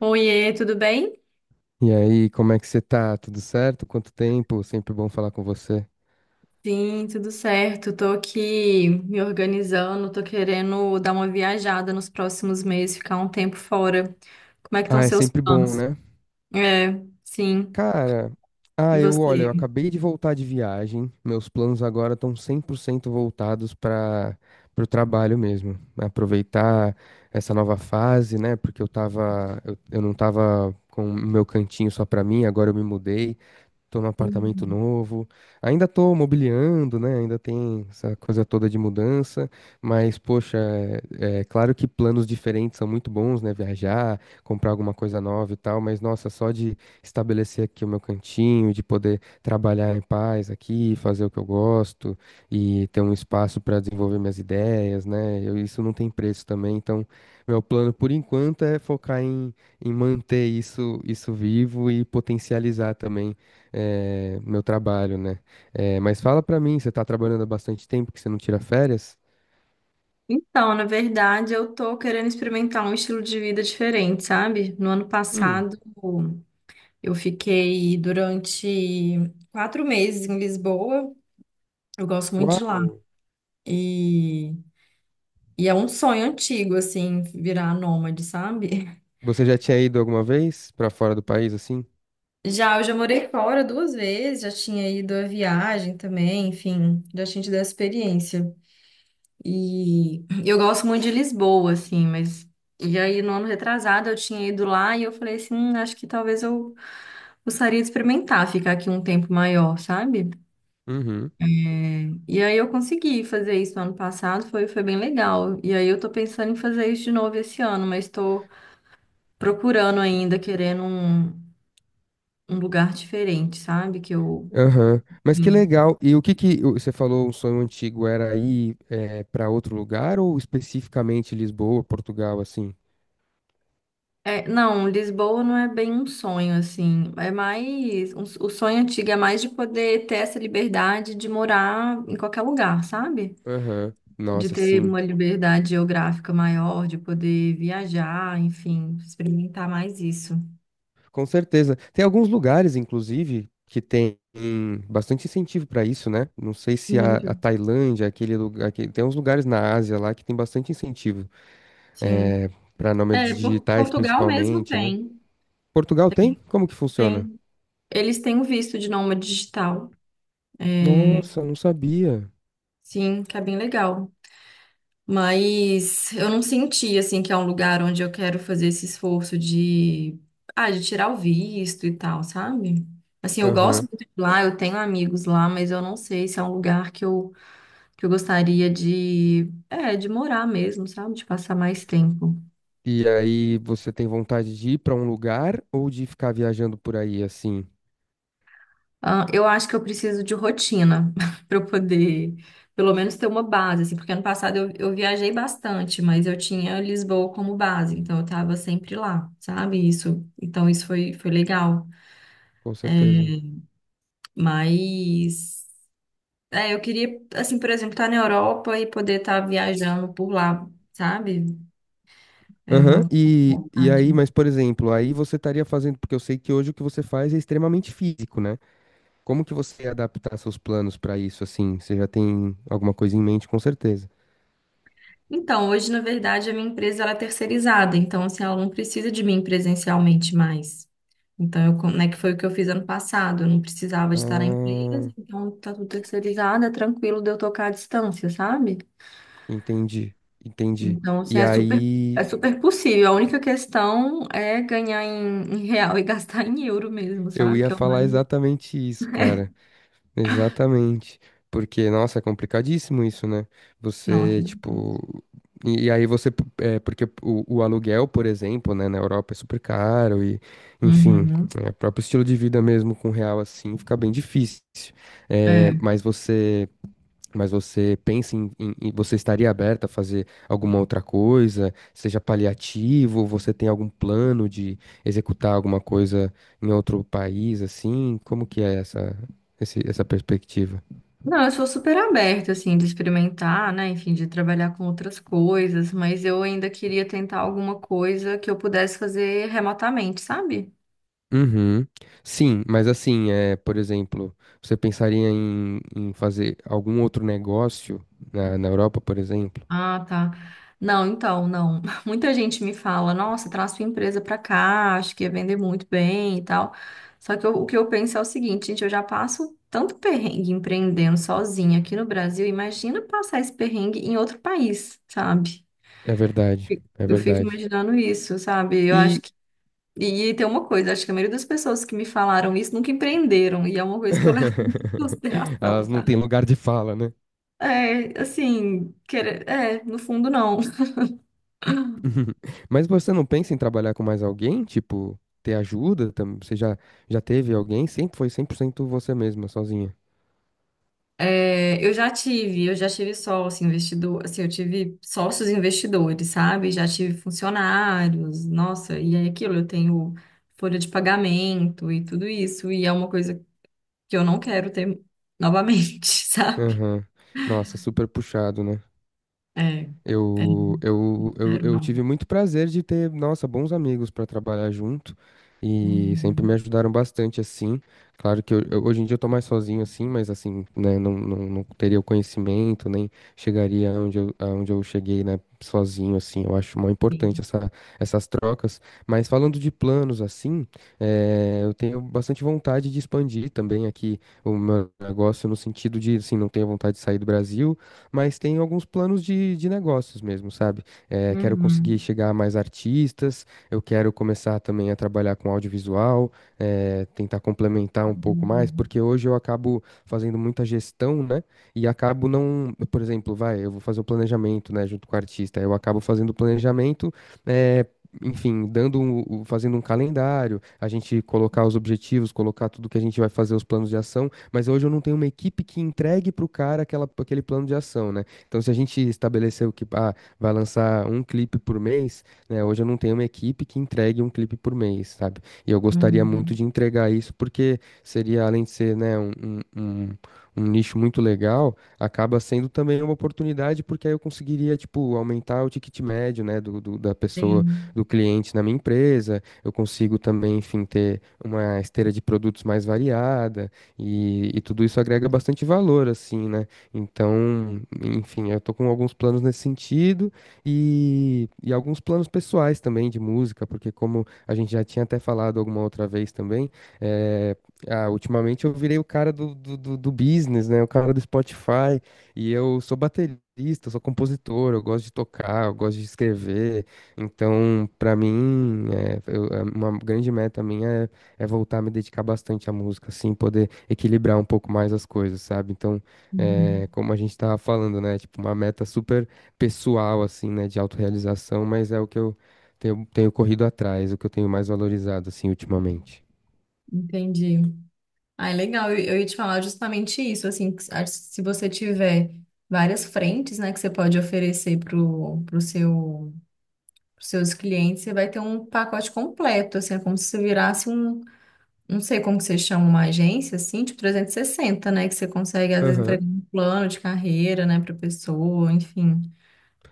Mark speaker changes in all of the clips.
Speaker 1: Oiê, tudo bem?
Speaker 2: E aí, como é que você tá? Tudo certo? Quanto tempo? Sempre bom falar com você.
Speaker 1: Sim, tudo certo. Tô aqui me organizando, tô querendo dar uma viajada nos próximos meses, ficar um tempo fora. Como é que estão
Speaker 2: Ah, é
Speaker 1: seus
Speaker 2: sempre bom,
Speaker 1: planos?
Speaker 2: né?
Speaker 1: É, sim.
Speaker 2: Cara,
Speaker 1: E
Speaker 2: olha, eu
Speaker 1: você?
Speaker 2: acabei de voltar de viagem. Meus planos agora estão 100% voltados para o trabalho mesmo. Aproveitar essa nova fase, né? Porque eu não tava com o meu cantinho só para mim, agora eu me mudei. Tô num apartamento
Speaker 1: Hum.
Speaker 2: novo. Ainda tô mobiliando, né? Ainda tem essa coisa toda de mudança. Mas, poxa, é claro que planos diferentes são muito bons, né? Viajar, comprar alguma coisa nova e tal. Mas, nossa, só de estabelecer aqui o meu cantinho, de poder trabalhar em paz aqui, fazer o que eu gosto e ter um espaço para desenvolver minhas ideias, né? Isso não tem preço também. Então, meu plano por enquanto é focar em manter isso vivo e potencializar também meu trabalho, né? É, mas fala pra mim, você tá trabalhando há bastante tempo que você não tira férias?
Speaker 1: Então, na verdade, eu tô querendo experimentar um estilo de vida diferente, sabe? No ano
Speaker 2: Hum,
Speaker 1: passado, eu fiquei durante 4 meses em Lisboa. Eu gosto muito de lá.
Speaker 2: uau!
Speaker 1: E, e é um sonho antigo, assim, virar nômade, sabe?
Speaker 2: Você já tinha ido alguma vez pra fora do país assim?
Speaker 1: Já, eu já morei fora duas vezes, já tinha ido à viagem também, enfim, já tinha tido a experiência. E eu gosto muito de Lisboa, assim, mas. E aí, no ano retrasado, eu tinha ido lá e eu falei assim: acho que talvez eu gostaria de experimentar ficar aqui um tempo maior, sabe?
Speaker 2: Uhum.
Speaker 1: É, e aí, eu consegui fazer isso no ano passado, foi, foi bem legal. E aí, eu tô pensando em fazer isso de novo esse ano, mas tô procurando ainda, querendo um lugar diferente, sabe? Que eu.
Speaker 2: Aham. Mas que
Speaker 1: hum,
Speaker 2: legal. E o que que você falou, um sonho antigo era ir para outro lugar ou especificamente Lisboa, Portugal, assim?
Speaker 1: É, não, Lisboa não é bem um sonho, assim. É mais. O sonho antigo é mais de poder ter essa liberdade de morar em qualquer lugar, sabe?
Speaker 2: Aham.
Speaker 1: De
Speaker 2: Nossa,
Speaker 1: ter
Speaker 2: sim.
Speaker 1: uma liberdade geográfica maior, de poder viajar, enfim, experimentar mais isso.
Speaker 2: Com certeza. Tem alguns lugares, inclusive, que tem bastante incentivo para isso, né? Não sei se a
Speaker 1: Muito.
Speaker 2: Tailândia, aquele lugar, que tem uns lugares na Ásia lá que tem bastante incentivo,
Speaker 1: Sim.
Speaker 2: é, para
Speaker 1: É,
Speaker 2: nômades digitais,
Speaker 1: Portugal mesmo
Speaker 2: principalmente, né?
Speaker 1: tem.
Speaker 2: Portugal tem?
Speaker 1: Tem.
Speaker 2: Como que funciona?
Speaker 1: Tem. Eles têm o visto de nômade digital. É,
Speaker 2: Nossa, não sabia.
Speaker 1: sim, que é bem legal. Mas eu não senti assim que é um lugar onde eu quero fazer esse esforço de tirar o visto e tal, sabe? Assim, eu gosto
Speaker 2: Aham.
Speaker 1: muito de lá, eu tenho amigos lá, mas eu não sei se é um lugar que eu gostaria de, é, de morar mesmo, sabe? De passar mais tempo.
Speaker 2: E aí, você tem vontade de ir para um lugar ou de ficar viajando por aí assim?
Speaker 1: Ah, eu acho que eu preciso de rotina para eu poder, pelo menos, ter uma base, assim, porque ano passado eu viajei bastante, mas eu tinha Lisboa como base, então eu estava sempre lá, sabe? Isso, então isso foi, foi legal.
Speaker 2: Com certeza.
Speaker 1: Mas é, eu queria, assim, por exemplo, estar na Europa e poder estar viajando por lá, sabe? É
Speaker 2: Aham,
Speaker 1: uma
Speaker 2: e
Speaker 1: vontade.
Speaker 2: aí, mas por exemplo, aí você estaria fazendo, porque eu sei que hoje o que você faz é extremamente físico, né? Como que você ia adaptar seus planos para isso, assim? Você já tem alguma coisa em mente, com certeza.
Speaker 1: Então, hoje, na verdade, a minha empresa ela é terceirizada, então assim, ela não precisa de mim presencialmente mais. Então, eu, né, que foi o que eu fiz ano passado, eu não precisava de estar na empresa,
Speaker 2: Ah,
Speaker 1: então tá tudo terceirizado, é tranquilo de eu tocar à distância, sabe?
Speaker 2: entendi, entendi.
Speaker 1: Então, assim,
Speaker 2: E
Speaker 1: é super,
Speaker 2: aí,
Speaker 1: é super possível. A única questão é ganhar em real e gastar em euro mesmo,
Speaker 2: eu
Speaker 1: sabe?
Speaker 2: ia
Speaker 1: Que é o
Speaker 2: falar
Speaker 1: mais.
Speaker 2: exatamente isso, cara. Exatamente. Porque, nossa, é complicadíssimo isso, né?
Speaker 1: Nossa.
Speaker 2: Você, tipo. E aí você, porque o aluguel, por exemplo, né, na Europa é super caro e, enfim,
Speaker 1: Uhum.
Speaker 2: o próprio estilo de vida mesmo com real assim fica bem difícil. É,
Speaker 1: É.
Speaker 2: mas você Mas você pensa em, você estaria aberta a fazer alguma outra coisa, seja paliativo, você tem algum plano de executar alguma coisa em outro país, assim? Como que é essa, essa perspectiva?
Speaker 1: Não, eu sou super aberta, assim, de experimentar, né? Enfim, de trabalhar com outras coisas, mas eu ainda queria tentar alguma coisa que eu pudesse fazer remotamente, sabe?
Speaker 2: Uhum. Sim, mas assim, por exemplo, você pensaria em, em fazer algum outro negócio na Europa, por exemplo?
Speaker 1: Ah, tá. Não, então, não. Muita gente me fala, nossa, traz sua empresa pra cá, acho que ia vender muito bem e tal. Só que o que eu penso é o seguinte, gente, eu já passo tanto perrengue empreendendo sozinha aqui no Brasil, imagina passar esse perrengue em outro país, sabe?
Speaker 2: É verdade, é
Speaker 1: Eu fico
Speaker 2: verdade.
Speaker 1: imaginando isso, sabe? Eu acho.
Speaker 2: E
Speaker 1: E tem uma coisa, acho que a maioria das pessoas que me falaram isso nunca empreenderam, e é uma coisa que eu levo muito em consideração,
Speaker 2: Elas não
Speaker 1: sabe?
Speaker 2: têm lugar de fala, né?
Speaker 1: É, assim, querer, é, no fundo não.
Speaker 2: Mas você não pensa em trabalhar com mais alguém? Tipo, ter ajuda? Você já teve alguém? Sempre foi 100% você mesma, sozinha.
Speaker 1: É, eu já tive sócio investidor, assim, eu tive sócios investidores, sabe? Já tive funcionários, nossa, e é aquilo, eu tenho folha de pagamento e tudo isso, e é uma coisa que eu não quero ter novamente, sabe?
Speaker 2: Aham. Nossa, super puxado, né?
Speaker 1: É, não
Speaker 2: Eu, eu, eu,
Speaker 1: quero
Speaker 2: eu tive
Speaker 1: não.
Speaker 2: muito prazer de ter, nossa, bons amigos para trabalhar junto e sempre me
Speaker 1: Uhum,
Speaker 2: ajudaram bastante assim. Claro que hoje em dia eu tô mais sozinho assim, mas assim, né, não teria o conhecimento, nem chegaria aonde eu cheguei, né, sozinho assim. Eu acho muito importante
Speaker 1: sim.
Speaker 2: essa, essas trocas. Mas falando de planos assim, eu tenho bastante vontade de expandir também aqui o meu negócio no sentido de, assim, não tenho vontade de sair do Brasil mas tenho alguns planos de negócios mesmo, sabe? Eh, quero conseguir
Speaker 1: Uhum.
Speaker 2: chegar a mais artistas, eu quero começar também a trabalhar com audiovisual, tentar complementar um pouco mais, porque hoje eu acabo fazendo muita gestão, né? E acabo não, por exemplo, vai, eu vou fazer o planejamento, né, junto com o artista, eu acabo fazendo o planejamento, eh, enfim, dando fazendo um calendário, a gente colocar os objetivos, colocar tudo que a gente vai fazer, os planos de ação, mas hoje eu não tenho uma equipe que entregue para o cara aquele plano de ação, né? Então, se a gente estabeleceu que vai lançar um clipe por mês, né? Hoje eu não tenho uma equipe que entregue um clipe por mês, sabe? E eu gostaria muito
Speaker 1: Uhum,
Speaker 2: de entregar isso, porque seria, além de ser, né, um nicho muito legal, acaba sendo também uma oportunidade, porque aí eu conseguiria, tipo, aumentar o ticket médio, né, da pessoa,
Speaker 1: sim.
Speaker 2: do cliente na minha empresa, eu consigo também, enfim, ter uma esteira de produtos mais variada, e tudo isso agrega bastante valor, assim, né? Então, enfim, eu tô com alguns planos nesse sentido e alguns planos pessoais também de música, porque como a gente já tinha até falado alguma outra vez também, é, ultimamente eu virei o cara do business, né? O cara do Spotify. E eu sou baterista, eu sou compositor, eu gosto de tocar, eu gosto de escrever. Então, pra mim, é uma grande meta minha é voltar a me dedicar bastante à música, assim, poder equilibrar um pouco mais as coisas, sabe? Então,
Speaker 1: Uhum,
Speaker 2: como a gente tava falando, né? Tipo, uma meta super pessoal, assim, né? De autorrealização, mas é o que eu tenho corrido atrás, o que eu tenho mais valorizado, assim, ultimamente.
Speaker 1: entendi. Ah, é legal. Eu ia te falar justamente isso, assim, que se acho que se você tiver várias frentes, né, que você pode oferecer pros seus clientes, você vai ter um pacote completo, assim, é como se você virasse um, não sei como que você chama uma agência, assim, tipo 360 né, que você consegue, às vezes,
Speaker 2: Aham,
Speaker 1: entregar um plano de carreira, né, pra pessoa, enfim.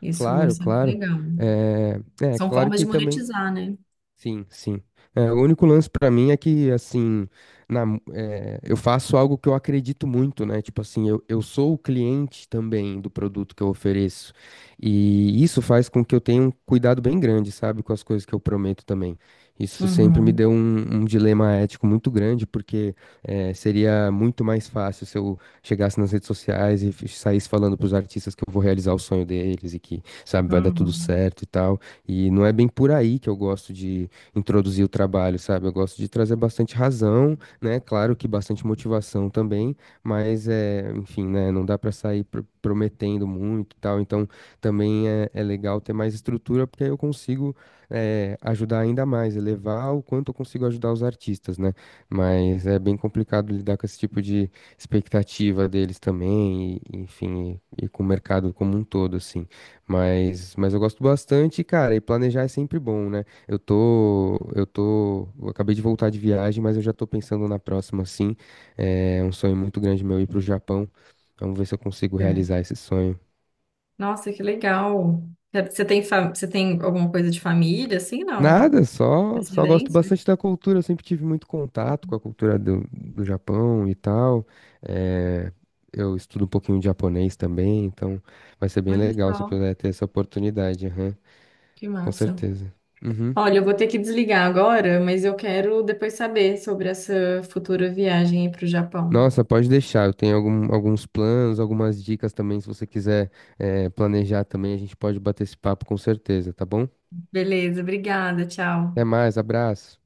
Speaker 1: Isso,
Speaker 2: claro,
Speaker 1: isso é
Speaker 2: claro.
Speaker 1: legal.
Speaker 2: É, é,
Speaker 1: São
Speaker 2: claro
Speaker 1: formas de
Speaker 2: que também.
Speaker 1: monetizar, né?
Speaker 2: Sim, sim. É, o único lance pra mim é que, assim, eu faço algo que eu acredito muito, né? Tipo assim, eu sou o cliente também do produto que eu ofereço. E isso faz com que eu tenha um cuidado bem grande, sabe, com as coisas que eu prometo também. Isso sempre me
Speaker 1: Uhum.
Speaker 2: deu um dilema ético muito grande, porque seria muito mais fácil se eu chegasse nas redes sociais e saísse falando pros artistas que eu vou realizar o sonho deles e que, sabe, vai dar tudo
Speaker 1: Uhum.
Speaker 2: certo e tal. E não é bem por aí que eu gosto de introduzir o trabalho, sabe? Eu gosto de trazer bastante razão, né? Claro que bastante motivação também, mas enfim, né? Não dá para sair prometendo muito e tal. Então, também é legal ter mais estrutura, porque aí eu consigo ajudar ainda mais, elevar o quanto eu consigo ajudar os artistas, né? Mas é bem complicado lidar com esse tipo de expectativa deles também, e, enfim, e com o mercado como um todo, assim. Mas eu gosto bastante, cara, e planejar é sempre bom, né? Eu acabei de voltar de viagem, mas eu já tô pensando na próxima, sim. É um sonho muito grande meu ir pro Japão. Vamos ver se eu consigo
Speaker 1: É.
Speaker 2: realizar esse sonho.
Speaker 1: Nossa, que legal. É, você tem, você tem alguma coisa de família, assim, não?
Speaker 2: Nada, só gosto
Speaker 1: Descendência?
Speaker 2: bastante da cultura. Eu sempre tive muito contato com a cultura do Japão e tal. É, eu estudo um pouquinho de japonês também, então vai ser bem
Speaker 1: Olha
Speaker 2: legal se eu
Speaker 1: só,
Speaker 2: puder ter essa oportunidade. Aham,
Speaker 1: que
Speaker 2: com
Speaker 1: massa.
Speaker 2: certeza. Uhum.
Speaker 1: Olha, eu vou ter que desligar agora, mas eu quero depois saber sobre essa futura viagem para o Japão.
Speaker 2: Nossa, pode deixar. Eu tenho alguns planos, algumas dicas também. Se você quiser, planejar também, a gente pode bater esse papo com certeza, tá bom?
Speaker 1: Beleza, obrigada,
Speaker 2: Até
Speaker 1: tchau.
Speaker 2: mais, abraço.